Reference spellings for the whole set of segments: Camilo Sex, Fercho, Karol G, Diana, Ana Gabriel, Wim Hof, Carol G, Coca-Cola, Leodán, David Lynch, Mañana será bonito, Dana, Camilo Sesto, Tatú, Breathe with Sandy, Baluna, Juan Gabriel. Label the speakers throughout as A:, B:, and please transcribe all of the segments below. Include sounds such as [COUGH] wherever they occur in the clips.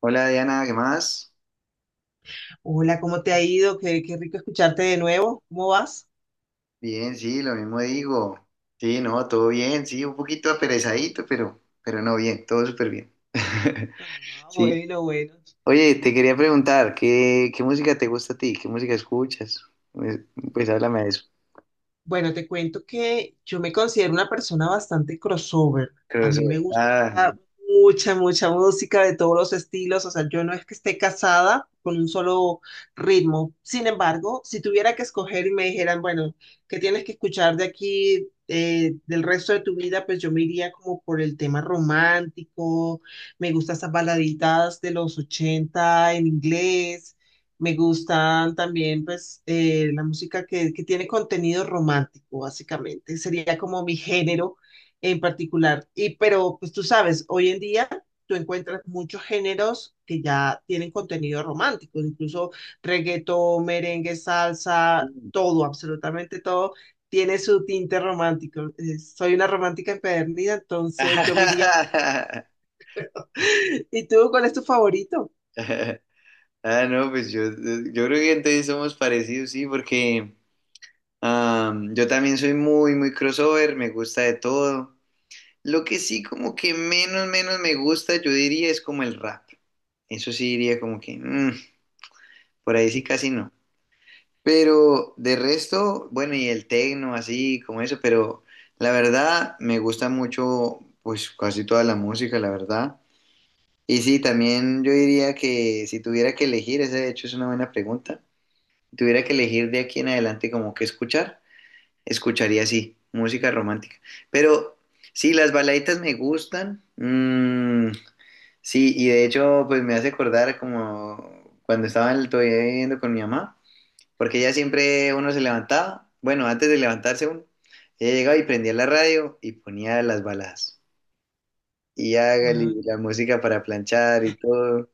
A: Hola Diana, ¿qué más?
B: Hola, ¿cómo te ha ido? Qué rico escucharte de nuevo. ¿Cómo vas?
A: Bien, sí, lo mismo digo. Sí, no, todo bien, sí, un poquito aperezadito, pero no bien, todo súper bien. [LAUGHS]
B: Ah,
A: Sí.
B: bueno, bueno.
A: Oye, te quería preguntar, ¿qué música te gusta a ti? ¿Qué música escuchas? Pues, pues háblame de eso.
B: Bueno, te cuento que yo me considero una persona bastante crossover. A mí me
A: Crossover. Ah.
B: gusta mucha música de todos los estilos. O sea, yo no es que esté casada con un solo ritmo. Sin embargo, si tuviera que escoger y me dijeran, bueno, ¿qué tienes que escuchar de aquí, del resto de tu vida? Pues yo me iría como por el tema romántico. Me gustan esas baladitas de los 80 en inglés. Me gustan también, pues, la música que tiene contenido romántico, básicamente. Sería como mi género en particular. Y, pero, pues tú sabes, hoy en día tú encuentras muchos géneros que ya tienen contenido romántico, incluso reggaetón, merengue, salsa,
A: Sí.
B: todo, absolutamente todo tiene su tinte romántico. Soy una romántica empedernida, entonces yo me iría por eso.
A: [LAUGHS]
B: [LAUGHS] ¿Y tú, cuál es tu favorito?
A: Ah, no, yo creo que entonces somos parecidos, sí, porque yo también soy muy crossover, me gusta de todo. Lo que sí como que menos me gusta, yo diría, es como el rap. Eso sí diría como que, por ahí sí casi no. Pero de resto, bueno, y el tecno, así como eso, pero la verdad me gusta mucho, pues casi toda la música, la verdad. Y sí, también yo diría que si tuviera que elegir, ese de hecho es una buena pregunta, si tuviera que elegir de aquí en adelante como que escuchar, escucharía sí, música romántica. Pero sí, las baladitas me gustan. Mm. Sí, y de hecho, pues me hace acordar como cuando todavía viviendo con mi mamá, porque ella siempre uno se levantaba, bueno, antes de levantarse uno, ella llegaba y prendía la radio y ponía las baladas. Y hágale la música para planchar y todo,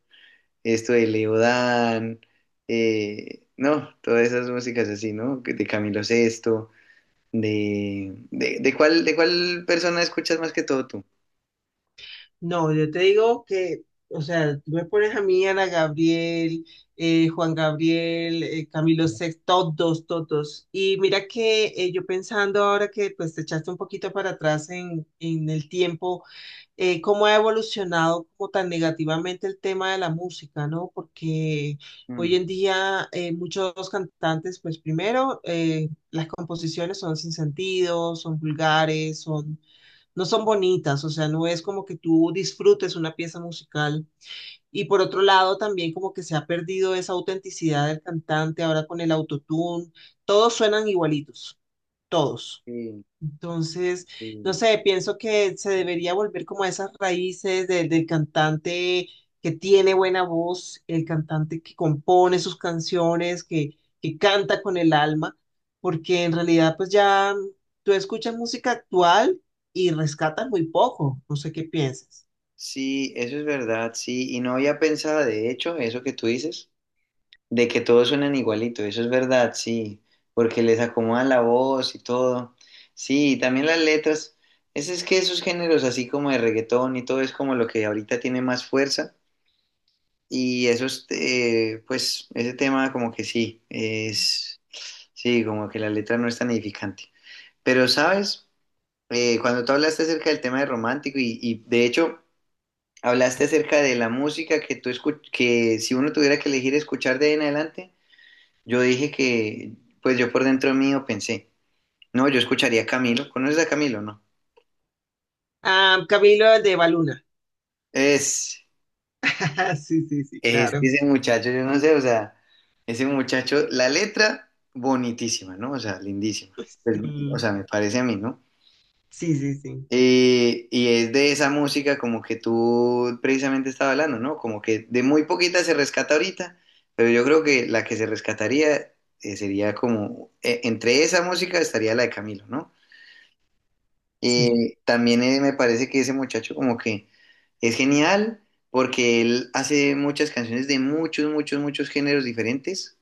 A: esto de Leodán, no, todas esas músicas así, ¿no? Que de Camilo Sesto, de cuál persona escuchas más que todo tú.
B: No, yo te digo que, o sea, tú me pones a mí, Ana Gabriel, Juan Gabriel, Camilo Sex, todos, todos. Y mira que yo pensando ahora que pues te echaste un poquito para atrás en el tiempo, cómo ha evolucionado como tan negativamente el tema de la música, ¿no? Porque hoy
A: Mm,
B: en día muchos cantantes, pues primero, las composiciones son sin sentido, son vulgares, son no son bonitas, o sea, no es como que tú disfrutes una pieza musical. Y por otro lado, también como que se ha perdido esa autenticidad del cantante ahora con el autotune, todos suenan igualitos, todos.
A: sí,
B: Entonces, no
A: sí.
B: sé, pienso que se debería volver como a esas raíces del cantante que tiene buena voz, el cantante que compone sus canciones, que canta con el alma, porque en realidad pues ya tú escuchas música actual y rescatas muy poco, no sé qué piensas.
A: Sí, eso es verdad, sí, y no había pensado, de hecho, eso que tú dices, de que todos suenan igualito, eso es verdad, sí, porque les acomodan la voz y todo, sí, y también las letras, es que esos géneros así como de reggaetón y todo es como lo que ahorita tiene más fuerza, y esos, pues, ese tema como que sí, es, sí, como que la letra no es tan edificante, pero sabes, cuando tú hablaste acerca del tema de romántico y de hecho. Hablaste acerca de la música que tú que si uno tuviera que elegir escuchar de ahí en adelante, yo dije que, pues yo por dentro mío pensé, no, yo escucharía a Camilo. ¿Conoces a Camilo, no?
B: Ah, Camilo el de Baluna.
A: Es,
B: [LAUGHS] Sí, sí, sí,
A: es
B: claro.
A: que ese muchacho, yo no sé, o sea, ese muchacho, la letra bonitísima, ¿no? O sea, lindísima. Pues, o sea, me parece a mí, ¿no?
B: Sí, sí, sí, sí,
A: Y es de esa música como que tú precisamente estaba hablando, ¿no? Como que de muy poquita se rescata ahorita, pero yo creo que la que se rescataría sería como, entre esa música estaría la de Camilo, ¿no?
B: sí.
A: También me parece que ese muchacho como que es genial porque él hace muchas canciones de muchos géneros diferentes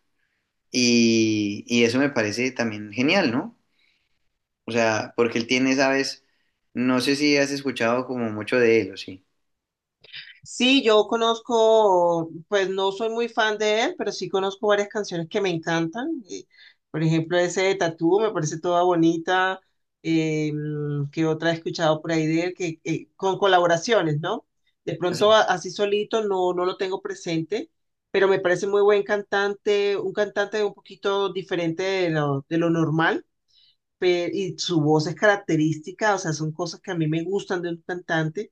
A: y eso me parece también genial, ¿no? O sea, porque él tiene, ¿sabes? No sé si has escuchado como mucho de él o sí.
B: Sí, yo conozco, pues no soy muy fan de él, pero sí conozco varias canciones que me encantan. Por ejemplo, ese de Tatú me parece toda bonita. ¿Qué otra he escuchado por ahí de él? Que, con colaboraciones, ¿no? De
A: Sí,
B: pronto así solito no, no lo tengo presente, pero me parece muy buen cantante un poquito diferente de lo normal, y su voz es característica, o sea, son cosas que a mí me gustan de un cantante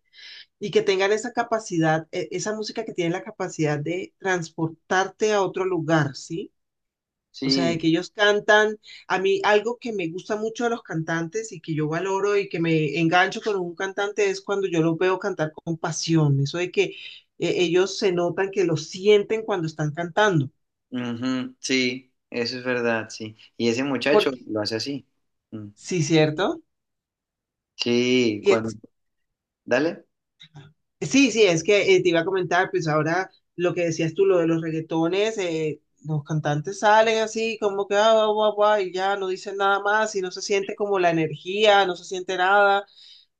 B: y que tengan esa capacidad, esa música que tiene la capacidad de transportarte a otro lugar, ¿sí? O sea, de
A: sí,
B: que ellos cantan, a mí algo que me gusta mucho de los cantantes y que yo valoro y que me engancho con un cantante es cuando yo los veo cantar con pasión, eso de que ellos se notan que lo sienten cuando están cantando,
A: ujú, sí, eso es verdad, sí. Y ese muchacho
B: porque
A: lo hace así. Mm.
B: sí, ¿cierto?
A: Sí,
B: Y
A: cuando.
B: es
A: Dale.
B: Sí, sí, es que te iba a comentar, pues ahora lo que decías tú, lo de los reggaetones, los cantantes salen así como que ah, guau, guau, guau, y ya no dicen nada más y no se siente como la energía, no se siente nada.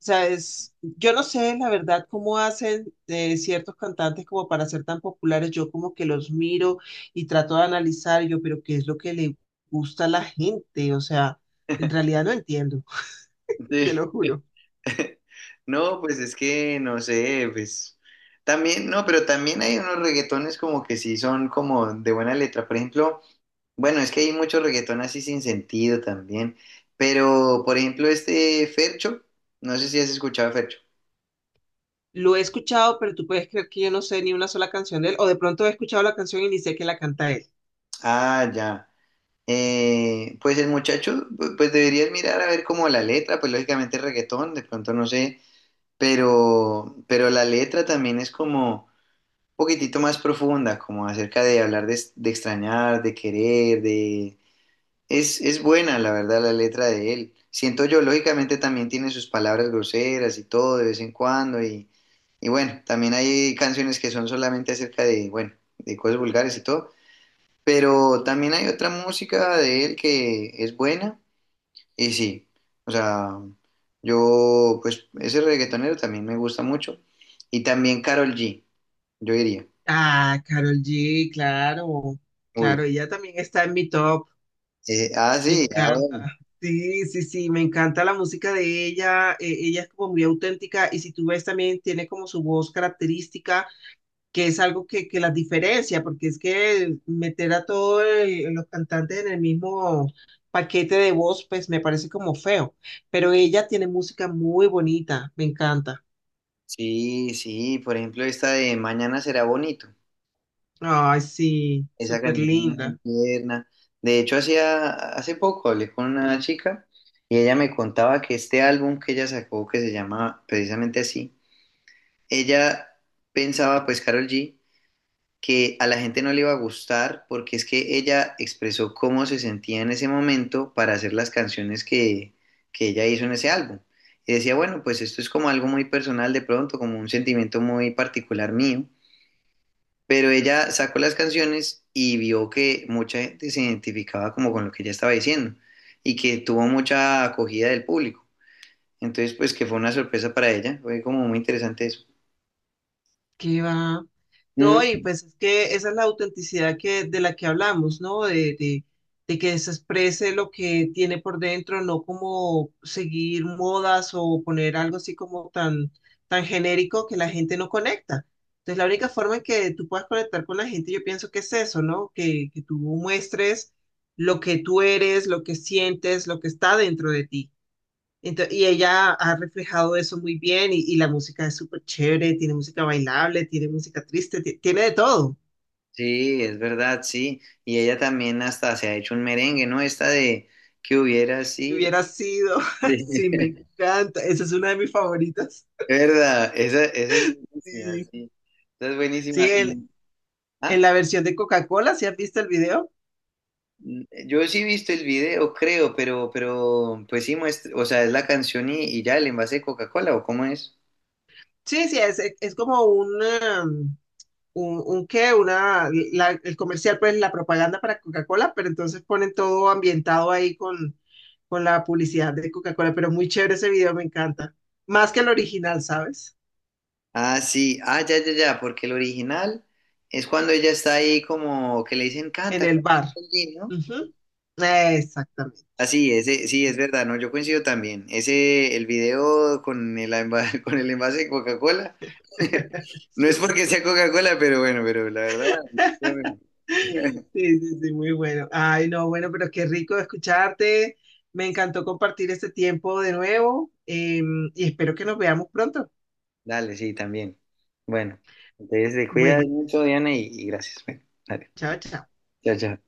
B: O sea, es, yo no sé la verdad cómo hacen ciertos cantantes como para ser tan populares. Yo como que los miro y trato de analizar y yo, pero ¿qué es lo que le gusta a la gente? O sea, en realidad no entiendo, [LAUGHS] te
A: Sí.
B: lo juro.
A: [LAUGHS] No, pues es que no sé, pues también, no, pero también hay unos reggaetones como que sí son como de buena letra. Por ejemplo, bueno, es que hay muchos reggaetón así sin sentido también. Pero, por ejemplo, este Fercho, no sé si has escuchado a Fercho.
B: Lo he escuchado, pero tú puedes creer que yo no sé ni una sola canción de él, o de pronto he escuchado la canción y ni sé que la canta él.
A: Ah, ya. Pues el muchacho, pues deberías mirar a ver como la letra, pues lógicamente es reggaetón, de pronto no sé, pero la letra también es como un poquitito más profunda, como acerca de hablar de extrañar, de querer, de. Es buena, la verdad, la letra de él. Siento yo, lógicamente también tiene sus palabras groseras y todo de vez en cuando, y bueno, también hay canciones que son solamente acerca de, bueno, de cosas vulgares y todo, pero también hay otra música de él que es buena y sí, o sea, yo pues ese reggaetonero también me gusta mucho y también Karol G, yo diría.
B: Ah, Carol G, claro,
A: Uy,
B: claro, ella también está en mi top,
A: ah
B: me
A: sí, ah, bueno.
B: encanta. Sí, sí, sí, me encanta la música de ella, ella es como muy auténtica y si tú ves también tiene como su voz característica, que es algo que las diferencia, porque es que meter a todos los cantantes en el mismo paquete de voz, pues me parece como feo. Pero ella tiene música muy bonita, me encanta.
A: Sí, sí, por ejemplo esta de Mañana será bonito,
B: Ay, sí,
A: esa
B: súper
A: canción es muy
B: linda.
A: tierna. De hecho hacía hace poco hablé con una chica y ella me contaba que este álbum que ella sacó que se llama precisamente así, ella pensaba pues Karol G que a la gente no le iba a gustar porque es que ella expresó cómo se sentía en ese momento para hacer las canciones que ella hizo en ese álbum. Y decía, bueno, pues esto es como algo muy personal de pronto, como un sentimiento muy particular mío. Pero ella sacó las canciones y vio que mucha gente se identificaba como con lo que ella estaba diciendo y que tuvo mucha acogida del público. Entonces, pues que fue una sorpresa para ella, fue como muy interesante eso.
B: Que va. No, y
A: Mm.
B: pues es que esa es la autenticidad que, de la que hablamos, ¿no? De que se exprese lo que tiene por dentro, no como seguir modas o poner algo así como tan, tan genérico que la gente no conecta. Entonces, la única forma en que tú puedas conectar con la gente, yo pienso que es eso, ¿no? Que tú muestres lo que tú eres, lo que sientes, lo que está dentro de ti. Y ella ha reflejado eso muy bien y la música es súper chévere, tiene música bailable, tiene música triste, tiene de todo.
A: Sí, es verdad, sí. Y ella también hasta se ha hecho un merengue, ¿no? Esta de que hubiera
B: Y
A: sido.
B: hubiera sido, [LAUGHS] sí, me
A: [LAUGHS]
B: encanta, esa es una de mis favoritas.
A: Sí. Es verdad, esa es buenísima,
B: Sí,
A: sí. Esa es buenísima.
B: sí, en,
A: Mm. Ah,
B: en la versión de Coca-Cola, ¿sí has visto el video?
A: mm, yo sí he visto el video, creo, pues sí muestra, o sea, es la canción y ya el envase de Coca-Cola, ¿o cómo es?
B: Sí, sí, es como un, un qué, una, el comercial, pues la propaganda para Coca-Cola, pero entonces ponen todo ambientado ahí con la publicidad de Coca-Cola, pero muy chévere ese video, me encanta. Más que el original, ¿sabes?
A: Ah, sí, ah, ya, ya, ya, porque el original es cuando ella está ahí como que le dicen,
B: En
A: canta,
B: el
A: canta,
B: bar.
A: Medellín", ¿no?
B: Ujú. Exactamente.
A: Así, ese, sí, es verdad, no, yo coincido también. Ese, el video con el, [LAUGHS] con el envase de Coca-Cola, [LAUGHS]
B: [LAUGHS]
A: no es
B: Sí.
A: porque sea Coca-Cola, pero bueno, pero la verdad, yo.
B: Sí, sí, sí, muy bueno. Ay, no, bueno, pero qué rico escucharte. Me encantó compartir este tiempo de nuevo, y espero que nos veamos pronto.
A: Dale, sí, también. Bueno, entonces te cuidas
B: Bueno, pues,
A: mucho, Diana, y gracias. Bueno, dale,
B: chao, chao.
A: chao, chao.